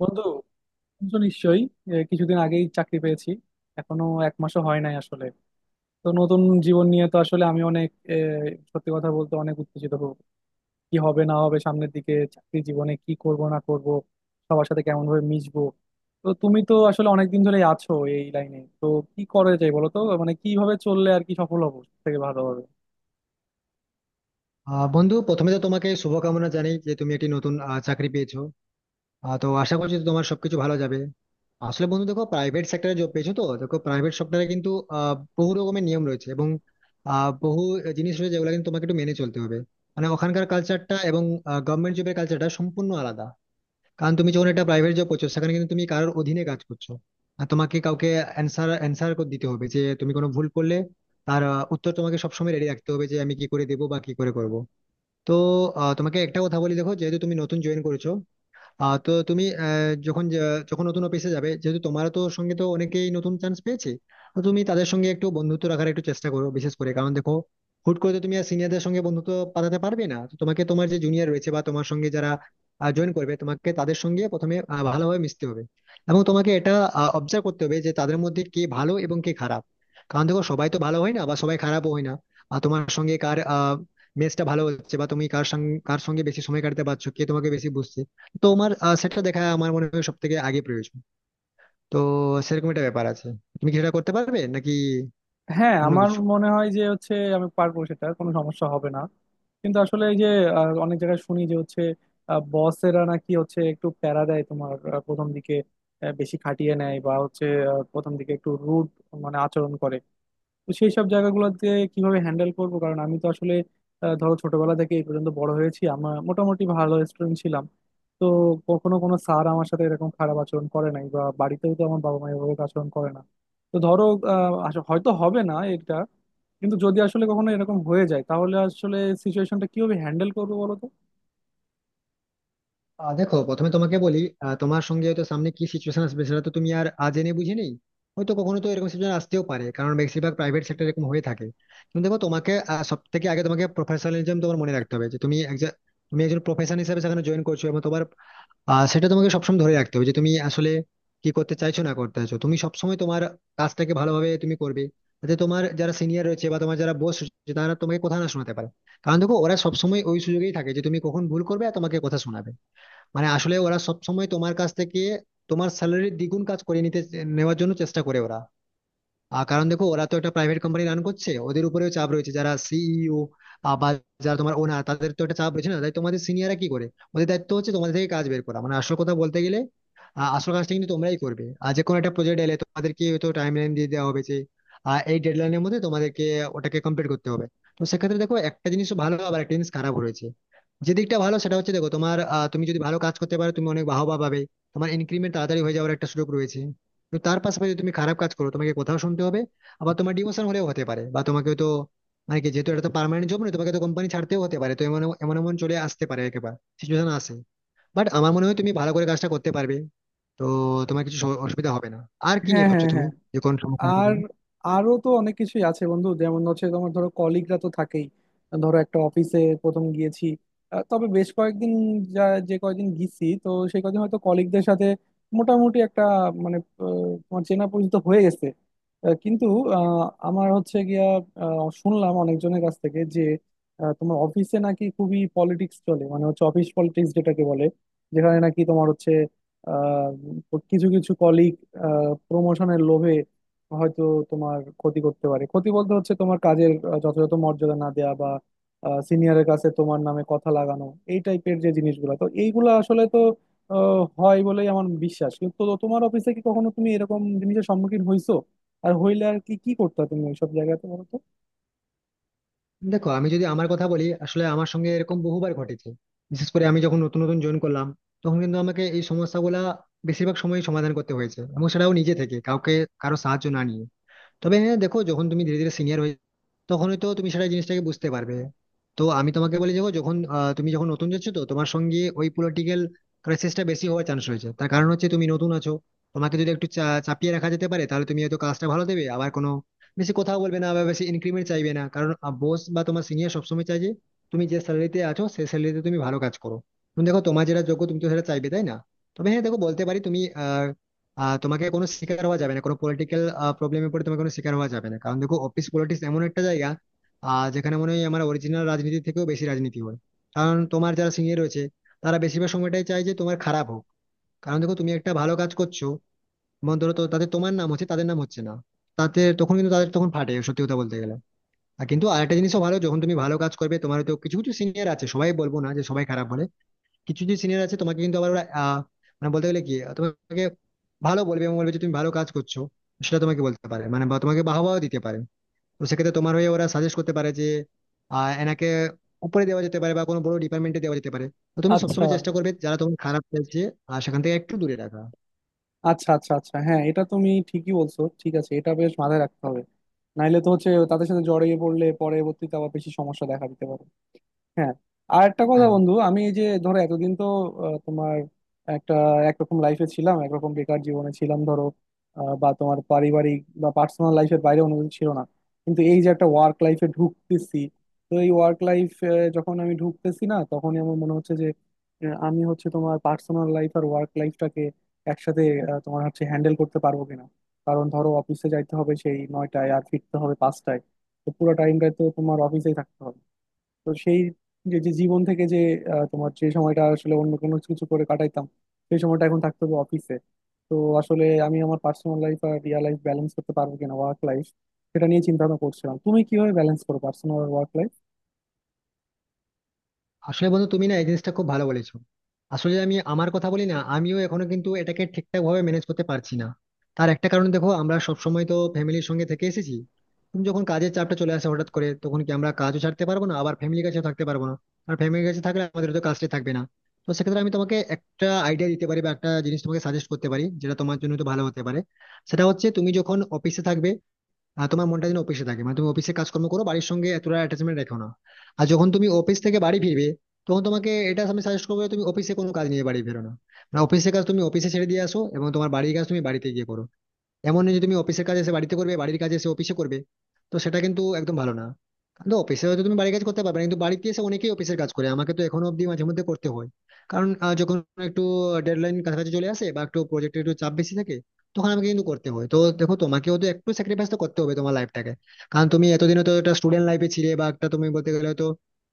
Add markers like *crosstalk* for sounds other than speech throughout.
বন্ধু, শুনছো নিশ্চয়ই। কিছুদিন আগেই চাকরি পেয়েছি। এখনো এক মাসও হয় নাই আসলে। তো নতুন জীবন নিয়ে তো আসলে আমি অনেক সত্যি কথা বলতে অনেক উত্তেজিত হব। কি হবে না হবে সামনের দিকে, চাকরি জীবনে কি করব না করব, সবার সাথে কেমন ভাবে মিশবো। তো তুমি তো আসলে অনেকদিন ধরেই আছো এই লাইনে, তো কি করা যায় বলো তো। মানে কিভাবে চললে আর কি সফল হবো সব থেকে ভালো হবে। বন্ধু, প্রথমে তো তোমাকে শুভকামনা জানাই যে তুমি একটি নতুন চাকরি পেয়েছো। তো আশা করছি যে তোমার সবকিছু ভালো যাবে। আসলে বন্ধু দেখো, প্রাইভেট সেক্টরে জব পেয়েছো, তো দেখো প্রাইভেট সেক্টরে কিন্তু বহু রকমের নিয়ম রয়েছে এবং বহু জিনিস রয়েছে যেগুলো কিন্তু তোমাকে একটু মেনে চলতে হবে। মানে ওখানকার কালচারটা এবং গভর্নমেন্ট জবের কালচারটা সম্পূর্ণ আলাদা। কারণ তুমি যখন একটা প্রাইভেট জব করছো, সেখানে কিন্তু তুমি কারোর অধীনে কাজ করছো আর তোমাকে কাউকে অ্যান্সার অ্যান্সার দিতে হবে। যে তুমি কোনো ভুল করলে তার উত্তর তোমাকে সবসময় রেডি রাখতে হবে, যে আমি কি করে দেবো বা কি করে করব। তো তোমাকে একটা কথা বলি, দেখো যেহেতু তুমি নতুন জয়েন করেছো, তো তুমি যখন নতুন অফিসে যাবে, যেহেতু তোমার তো সঙ্গে তো অনেকেই নতুন চান্স পেয়েছে, তো তুমি তাদের সঙ্গে একটু বন্ধুত্ব রাখার একটু চেষ্টা করো। বিশেষ করে কারণ দেখো, হুট করে তো তুমি আর সিনিয়রদের সঙ্গে বন্ধুত্ব পাঠাতে পারবে না, তো তোমাকে তোমার যে জুনিয়র রয়েছে বা তোমার সঙ্গে যারা জয়েন করবে, তোমাকে তাদের সঙ্গে প্রথমে ভালোভাবে মিশতে হবে। এবং তোমাকে এটা অবজার্ভ করতে হবে যে তাদের মধ্যে কে ভালো এবং কে খারাপ। কারণ দেখো সবাই তো ভালো হয় না বা সবাই খারাপও হয় না। আর তোমার সঙ্গে কার মেজটা ভালো হচ্ছে বা তুমি কার সঙ্গে কার সঙ্গে বেশি সময় কাটাতে পারছো, কে তোমাকে বেশি বুঝছে, তো আমার সেটা দেখা আমার মনে হয় সব থেকে আগে প্রয়োজন। তো সেরকম একটা ব্যাপার আছে। তুমি কি সেটা করতে পারবে নাকি হ্যাঁ, অন্য আমার কিছু? মনে হয় যে হচ্ছে আমি পারবো, সেটা কোনো সমস্যা হবে না। কিন্তু আসলে এই যে অনেক জায়গায় শুনি যে হচ্ছে বসেরা নাকি হচ্ছে একটু প্যারা দেয় তোমার প্রথম দিকে, বেশি খাটিয়ে নেয় বা হচ্ছে প্রথম দিকে একটু রুড মানে আচরণ করে। তো সেই সব জায়গাগুলোতে কিভাবে হ্যান্ডেল করবো? কারণ আমি তো আসলে ধরো ছোটবেলা থেকে এই পর্যন্ত বড় হয়েছি, আমার মোটামুটি ভালো স্টুডেন্ট ছিলাম। তো কখনো কোনো স্যার আমার সাথে এরকম খারাপ আচরণ করে নাই, বা বাড়িতেও তো আমার বাবা মা এভাবে আচরণ করে না। তো ধরো, হয়তো হবে না এটা, কিন্তু যদি আসলে কখনো এরকম হয়ে যায় তাহলে আসলে সিচুয়েশনটা কিভাবে হ্যান্ডেল করবো বলো তো? দেখো প্রথমে তোমাকে বলি, তোমার সঙ্গে হয়তো সামনে কি সিচুয়েশন আসবে সেটা তো তুমি আর জেনে বুঝে নেই। হয়তো কখনো তো এরকম সিচুয়েশন আসতেও পারে, কারণ বেশিরভাগ প্রাইভেট সেক্টর এরকম হয়ে থাকে। কিন্তু দেখো তোমাকে সব থেকে আগে তোমাকে প্রফেশনালিজম তোমার মনে রাখতে হবে যে তুমি একজন, তুমি একজন প্রফেশন হিসেবে সেখানে জয়েন করছো এবং তোমার সেটা তোমাকে সবসময় ধরে রাখতে হবে যে তুমি আসলে কি করতে চাইছো না করতে চাইছো। তুমি সবসময় তোমার কাজটাকে ভালোভাবে তুমি করবে, যাতে তোমার যারা সিনিয়র রয়েছে বা তোমার যারা বস রয়েছে তারা তোমাকে কথা না শোনাতে পারে। কারণ দেখো ওরা সবসময় ওই সুযোগেই থাকে যে তুমি কখন ভুল করবে আর তোমাকে কথা শোনাবে। মানে আসলে ওরা সবসময় তোমার কাছ থেকে তোমার স্যালারির দ্বিগুণ কাজ করে নিতে নেওয়ার জন্য চেষ্টা করে ওরা। কারণ দেখো ওরা তো একটা প্রাইভেট কোম্পানি রান করছে, ওদের উপরেও চাপ রয়েছে, যারা সিইও বা যারা তোমার ওনার, তাদের তো একটা চাপ রয়েছে না, তাই তোমাদের সিনিয়ররা কি করে, ওদের দায়িত্ব হচ্ছে তোমাদের থেকে কাজ বের করা। মানে আসল কথা বলতে গেলে আসল কাজটা কিন্তু তোমরাই করবে। আর যে কোনো একটা প্রজেক্ট এলে তোমাদেরকে হয়তো টাইম লাইন দিয়ে দেওয়া হবে যে এই ডেডলাইনের মধ্যে তোমাদেরকে ওটাকে কমপ্লিট করতে হবে। তো সেক্ষেত্রে দেখো একটা জিনিস ভালো আবার একটা জিনিস খারাপ রয়েছে। যে দিকটা ভালো সেটা হচ্ছে দেখো তোমার তুমি যদি ভালো কাজ করতে পারো তুমি অনেক বাহবা পাবে, তোমার ইনক্রিমেন্ট তাড়াতাড়ি হয়ে যাওয়ার একটা সুযোগ রয়েছে। তো তার পাশাপাশি যদি তুমি খারাপ কাজ করো তোমাকে কোথাও শুনতে হবে, আবার তোমার ডিমোশন হলেও হতে পারে, বা তোমাকে তো মানে কি, যেহেতু এটা তো পার্মানেন্ট জব নয়, তোমাকে তো কোম্পানি ছাড়তেও হতে পারে। তো এমন এমন এমন চলে আসতে পারে একেবারে সিচুয়েশন আসে। বাট আমার মনে হয় তুমি ভালো করে কাজটা করতে পারবে। তো তোমার কিছু অসুবিধা হবে না। আর কি হ্যাঁ, নিয়ে ভাবছো হ্যাঁ, তুমি? হ্যাঁ। যে কোন সমস্যা হবে আর বলে? আরো তো অনেক কিছুই আছে বন্ধু, যেমন হচ্ছে তোমার ধরো কলিগরা তো থাকেই। ধরো একটা অফিসে প্রথম গিয়েছি, তবে বেশ কয়েকদিন যা যে কয়েকদিন গিয়েছি, তো সেই কয়েকদিন হয়তো কলিগদের সাথে মোটামুটি একটা, মানে, আহ, তোমার চেনা পরিচিত হয়ে গেছে। কিন্তু আহ, আমার হচ্ছে গিয়া শুনলাম অনেকজনের কাছ থেকে যে তোমার অফিসে নাকি খুবই পলিটিক্স চলে, মানে হচ্ছে অফিস পলিটিক্স যেটাকে বলে, যেখানে নাকি তোমার হচ্ছে আহ, কিছু কিছু কলিগ প্রমোশনের লোভে হয়তো তোমার ক্ষতি করতে পারে। ক্ষতি বলতে হচ্ছে তোমার কাজের যথাযথ মর্যাদা না দেয়া, বা সিনিয়রের কাছে তোমার নামে কথা লাগানো, এই টাইপের যে জিনিসগুলো। তো এইগুলো আসলে তো হয় বলেই আমার বিশ্বাস, কিন্তু তো তোমার অফিসে কি কখনো তুমি এরকম জিনিসের সম্মুখীন হইছো? আর হইলে আর কি কি করতে তুমি ওইসব জায়গাতে বলো তো? দেখো আমি যদি আমার কথা বলি, আসলে আমার সঙ্গে এরকম বহুবার ঘটেছে। বিশেষ করে আমি যখন নতুন নতুন জয়েন করলাম, তখন কিন্তু আমাকে এই সমস্যাগুলা বেশিরভাগ সময় সমাধান করতে হয়েছে এবং সেটাও নিজে থেকে কাউকে, কারো সাহায্য না নিয়ে। তবে হ্যাঁ দেখো, যখন তুমি ধীরে ধীরে সিনিয়র হয়ে, তখন তো তুমি সেটা জিনিসটাকে বুঝতে পারবে। তো আমি তোমাকে বলি দেখো, তুমি যখন নতুন যাচ্ছ, তো তোমার সঙ্গে ওই পলিটিক্যাল ক্রাইসিসটা বেশি হওয়ার চান্স রয়েছে। তার কারণ হচ্ছে তুমি নতুন আছো। তোমাকে যদি একটু চাপিয়ে রাখা যেতে পারে, তাহলে তুমি হয়তো কাজটা ভালো দেবে, আবার কোনো বেশি কথাও বলবে না বা বেশি ইনক্রিমেন্ট চাইবে না। কারণ বস বা তোমার সিনিয়র সবসময় চাই যে তুমি যে স্যালারিতে আছো সেই স্যালারিতে তুমি ভালো কাজ করো। তুমি দেখো তোমার যেটা যোগ্য তুমি তো সেটা চাইবে, তাই না? তবে হ্যাঁ দেখো বলতে পারি, তুমি তোমাকে কোনো শিকার হওয়া যাবে না, কোনো পলিটিক্যাল প্রবলেমে পড়ে তোমাকে কোনো শিকার হওয়া যাবে না। কারণ দেখো অফিস পলিটিক্স এমন একটা জায়গা যেখানে মনে হয় আমার অরিজিনাল রাজনীতি থেকেও বেশি রাজনীতি হয়। কারণ তোমার যারা সিনিয়র রয়েছে, তারা বেশিরভাগ সময়টাই চায় যে তোমার খারাপ হোক। কারণ দেখো তুমি একটা ভালো কাজ করছো এবং ধরো, তো তাতে তোমার নাম হচ্ছে, তাদের নাম হচ্ছে না, তাতে তখন কিন্তু তাদের তখন ফাটে, সত্যি কথা বলতে গেলে। আর কিন্তু আরেকটা জিনিসও ভালো, যখন তুমি ভালো কাজ করবে, তোমার তো কিছু কিছু সিনিয়র আছে, সবাই বলবো না যে সবাই খারাপ বলে। কিছু যে সিনিয়র আছে, তোমাকে কিন্তু আবার ওরা মানে বলতে গেলে কি তোমাকে ভালো বলবে এবং বলবে যে তুমি ভালো কাজ করছো। সেটা তোমাকে বলতে পারে মানে, বা তোমাকে বাহবাও দিতে পারে। তো সেক্ষেত্রে তোমার হয়ে ওরা সাজেস্ট করতে পারে যে এনাকে উপরে দেওয়া যেতে পারে বা কোনো বড় ডিপার্টমেন্টে দেওয়া যেতে পারে। তো তুমি আচ্ছা, সবসময় চেষ্টা করবে যারা তোমার খারাপ চাইছে আর সেখান থেকে একটু দূরে রাখা। আচ্ছা, আচ্ছা, আচ্ছা, হ্যাঁ, এটা তুমি ঠিকই বলছো। ঠিক আছে, এটা বেশ মাথায় রাখতে হবে। নাইলে তো হচ্ছে তাদের সাথে জড়িয়ে পড়লে পরবর্তীতে আবার বেশি সমস্যা দেখা দিতে পারে। হ্যাঁ। আর একটা কথা হ্যাঁ, বন্ধু, আমি এই যে ধরো এতদিন তো তোমার একটা একরকম লাইফে ছিলাম, একরকম বেকার জীবনে ছিলাম ধরো। বা তোমার পারিবারিক বা পার্সোনাল লাইফের বাইরে অন্য কিছু ছিল না। কিন্তু এই যে একটা ওয়ার্ক লাইফে ঢুকতেছি, তো এই ওয়ার্ক লাইফ যখন আমি ঢুকতেছি না, তখনই আমার মনে হচ্ছে যে আমি হচ্ছে তোমার পার্সোনাল লাইফ আর ওয়ার্ক লাইফটাকে একসাথে তোমার হচ্ছে হ্যান্ডেল করতে পারবো কিনা। কারণ ধরো অফিসে যাইতে হবে সেই 9টায়, আর ফিরতে হবে 5টায়। তো পুরো টাইমটাই তো তোমার অফিসেই থাকতে হবে। তো সেই যে যে জীবন থেকে যে তোমার যে সময়টা আসলে অন্য কোনো কিছু করে কাটাইতাম, সেই সময়টা এখন থাকতে হবে অফিসে। তো আসলে আমি আমার পার্সোনাল লাইফ আর রিয়েল লাইফ ব্যালেন্স করতে পারবো কিনা, ওয়ার্ক লাইফ, সেটা নিয়ে চিন্তা ভাবনা করছিলাম। তুমি কিভাবে ব্যালেন্স করো পার্সোনাল আর ওয়ার্ক লাইফ? আসলে বন্ধু তুমি না এই জিনিসটা খুব ভালো বলেছো। আসলে আমি আমার কথা বলি না, আমিও এখনো কিন্তু এটাকে ঠিকঠাক ভাবে ম্যানেজ করতে পারছি না। তার একটা কারণ দেখো, আমরা সব সময় তো ফ্যামিলির সঙ্গে থেকে এসেছি। তুমি যখন কাজের চাপটা চলে আসে হঠাৎ করে, তখন কি আমরা কাজও ছাড়তে পারবো না আবার ফ্যামিলির কাছেও থাকতে পারবো না। আর ফ্যামিলির কাছে থাকলে আমাদের তো কাজটাই থাকবে না। তো সেক্ষেত্রে আমি তোমাকে একটা আইডিয়া দিতে পারি বা একটা জিনিস তোমাকে সাজেস্ট করতে পারি যেটা তোমার জন্য তো ভালো হতে পারে। সেটা হচ্ছে তুমি যখন অফিসে থাকবে, তোমার মনটা যেন অফিসে থাকে, মানে তুমি অফিসে কাজকর্ম করো, বাড়ির সঙ্গে এতটা অ্যাটাচমেন্ট রেখো না। আর যখন তুমি অফিস থেকে বাড়ি ফিরবে, তখন তোমাকে এটা আমি সাজেস্ট করবো যে তুমি অফিসে কোনো কাজ নিয়ে বাড়ি ফেরো না। মানে অফিসের কাজ তুমি অফিসে ছেড়ে দিয়ে আসো এবং তোমার বাড়ির কাজ তুমি বাড়িতে গিয়ে করো। এমন নয় যে তুমি অফিসের কাজ এসে বাড়িতে করবে, বাড়ির কাজ এসে অফিসে করবে। তো সেটা কিন্তু একদম ভালো না। কিন্তু অফিসে হয়তো তুমি বাড়ির কাজ করতে পারবে না, কিন্তু বাড়িতে এসে অনেকেই অফিসের কাজ করে, আমাকে তো এখনো অব্দি মাঝে মধ্যে করতে হয়। কারণ যখন একটু ডেডলাইন কাছাকাছি চলে আসে বা একটু প্রজেক্টের একটু চাপ বেশি থাকে, তখন আমাকে কিন্তু করতে হয়। তো দেখো তোমাকেও তো একটু স্যাক্রিফাইস তো করতে হবে তোমার লাইফটাকে। কারণ তুমি এতদিন তো একটা স্টুডেন্ট লাইফে ছিলে, বা একটা তুমি বলতে গেলে তো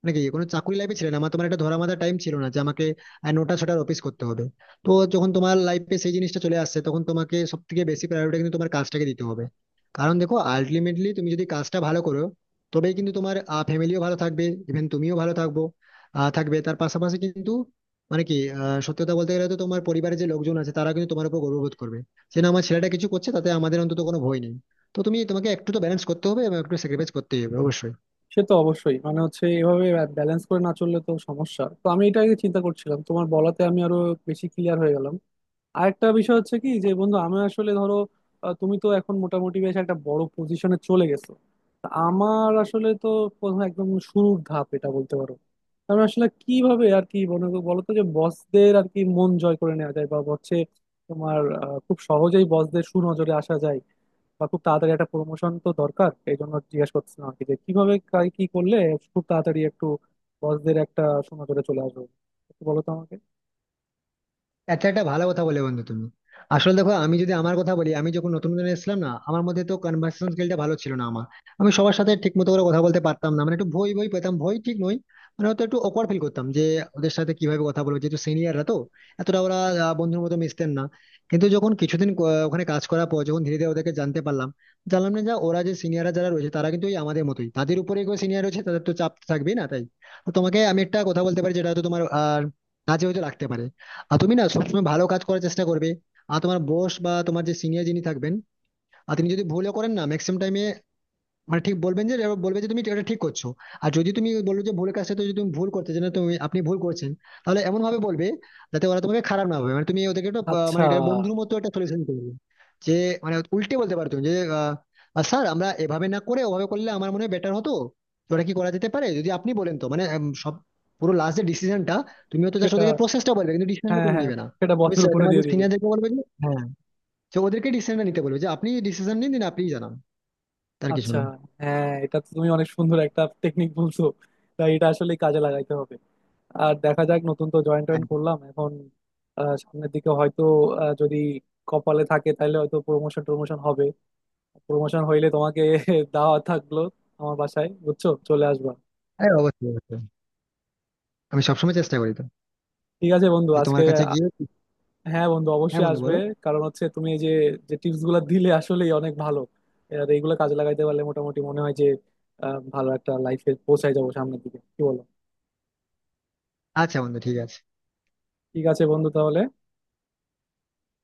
মানে কি কোনো চাকরি লাইফে ছিলে না, আমার তোমার একটা ধরা বাঁধা টাইম ছিল না যে আমাকে 9টা-6টার অফিস করতে হবে। তো যখন তোমার লাইফে সেই জিনিসটা চলে আসছে, তখন তোমাকে সব থেকে বেশি প্রায়োরিটি কিন্তু তোমার কাজটাকে দিতে হবে। কারণ দেখো আলটিমেটলি তুমি যদি কাজটা ভালো করো, তবেই কিন্তু তোমার ফ্যামিলিও ভালো থাকবে, ইভেন তুমিও ভালো থাকবো। থাকবে তার পাশাপাশি কিন্তু, মানে কি, সত্যি কথা বলতে গেলে তো তোমার পরিবারের যে লোকজন আছে তারা কিন্তু তোমার উপর গর্ববোধ করবে যে না, আমার ছেলেটা কিছু করছে, তাতে আমাদের অন্তত কোনো ভয় নেই। তো তুমি তোমাকে একটু তো ব্যালেন্স করতে হবে এবং একটু স্যাক্রিফাইস করতে হবে অবশ্যই। সে তো অবশ্যই, মানে হচ্ছে এভাবে ব্যালেন্স করে না চললে তো সমস্যা। তো আমি এটা আগে চিন্তা করছিলাম, তোমার বলাতে আমি আরো বেশি ক্লিয়ার হয়ে গেলাম। আরেকটা বিষয় হচ্ছে কি যে বন্ধু, আমি আসলে ধরো তুমি তো এখন মোটামুটি বেশ একটা বড় পজিশনে চলে গেছো, তা আমার আসলে তো প্রথম একদম শুরুর ধাপ এটা বলতে পারো। আমি আসলে কিভাবে আর কি মনে করো বলতো যে বসদের আর কি মন জয় করে নেওয়া যায়, বা হচ্ছে তোমার খুব সহজেই বসদের সুনজরে আসা যায়, বা খুব তাড়াতাড়ি একটা প্রমোশন তো দরকার, এই জন্য জিজ্ঞেস করছিলাম আর কি, যে কিভাবে কি করলে খুব তাড়াতাড়ি একটু বসদের একটা সুনজরে চলে আসবো, একটু বলো তো আমাকে। আচ্ছা, একটা ভালো কথা বলে বন্ধু তুমি। আসলে দেখো আমি যদি আমার কথা বলি, আমি যখন নতুন নতুন এসেছিলাম না, আমার মধ্যে তো কনভার্সেশন স্কিলটা ভালো ছিল না আমার। আমি সবার সাথে ঠিক মতো করে কথা বলতে পারতাম না, মানে একটু ভয় ভয় পেতাম, ভয় ঠিক নয়, মানে হয়তো একটু অকওয়ার্ড ফিল করতাম যে ওদের সাথে কিভাবে কথা বলবো, যেহেতু সিনিয়ররা তো এতটা ওরা বন্ধুর মতো মিশতেন না। কিন্তু যখন কিছুদিন ওখানে কাজ করার পর যখন ধীরে ধীরে ওদেরকে জানতে পারলাম, জানলাম না, যে ওরা যে সিনিয়ররা যারা রয়েছে তারা কিন্তু ওই আমাদের মতোই, তাদের উপরে সিনিয়র রয়েছে, তাদের তো চাপ থাকবেই না তাই। তো তোমাকে আমি একটা কথা বলতে পারি যেটা হয়তো তোমার আর কাজে হয়তো লাগতে পারে। আর তুমি না সবসময় ভালো কাজ করার চেষ্টা করবে। আর তোমার বস বা তোমার যে সিনিয়র যিনি থাকবেন, আর তিনি যদি ভুলও করেন না, ম্যাক্সিমাম টাইমে মানে ঠিক বলবেন যে, এবার বলবে যে তুমি এটা ঠিক করছো। আর যদি তুমি বললো যে ভুল কাজটা তো, যদি তুমি ভুল করতে যে না, তুমি আপনি ভুল করছেন, তাহলে এমন ভাবে বলবে যাতে ওরা তোমাকে খারাপ না ভাবে, মানে তুমি ওদেরকে একটা মানে আচ্ছা। এটা বন্ধুর মতো একটা সলিউশন করবে। যে মানে উল্টে বলতে পারো তুমি যে, স্যার আমরা এভাবে না করে ওভাবে করলে আমার মনে হয় বেটার হতো। তো ওটা কি করা যেতে পারে যদি আপনি বলেন? তো মানে সব পুরো লাস্ট এর ডিসিশনটা তুমি হয়তো জাস্ট সেটা, ওদেরকে প্রসেসটা বলবে, কিন্তু ডিসিশনটা হ্যাঁ, তুমি হ্যাঁ, নেবে না। সেটা তুমি বথের sir, উপরে তোমার দিয়ে দিব। সিনিয়রদেরকে বলবে যে হ্যাঁ, তো ওদেরকে ডিসিশনটা নিতে বলবে যে আপনি ডিসিশন নিন দিন, আপনিই জানান। তার কিছু আচ্ছা, না। হ্যাঁ, এটা তো তুমি অনেক সুন্দর একটা টেকনিক বলছো। তাই এটা আসলে কাজে লাগাইতে হবে। আর দেখা যাক, নতুন তো জয়েন্ট টয়েন্ট করলাম এখন, সামনের দিকে হয়তো যদি কপালে থাকে তাহলে হয়তো প্রমোশন টমোশন হবে। প্রমোশন হইলে তোমাকে *laughs* দাওয়া থাকলো আমার বাসায়, বুঝছো, চলে আসবা। হ্যাঁ, অবশ্যই অবশ্যই। আমি সবসময় চেষ্টা করি তো ঠিক আছে বন্ধু যে আজকে। তোমার কাছে গিয়ে। হ্যাঁ বন্ধু হ্যাঁ অবশ্যই বন্ধু আসবে। বলো। কারণ হচ্ছে তুমি এই যে যে টিপস গুলো দিলে আসলেই অনেক ভালো। আর এইগুলো কাজে লাগাইতে পারলে মোটামুটি মনে হয় যে ভালো একটা লাইফে পৌঁছায় যাবো সামনের দিকে, কি বলো? আচ্ছা বন্ধু, ঠিক আছে। ঠিক আছে বন্ধু তাহলে।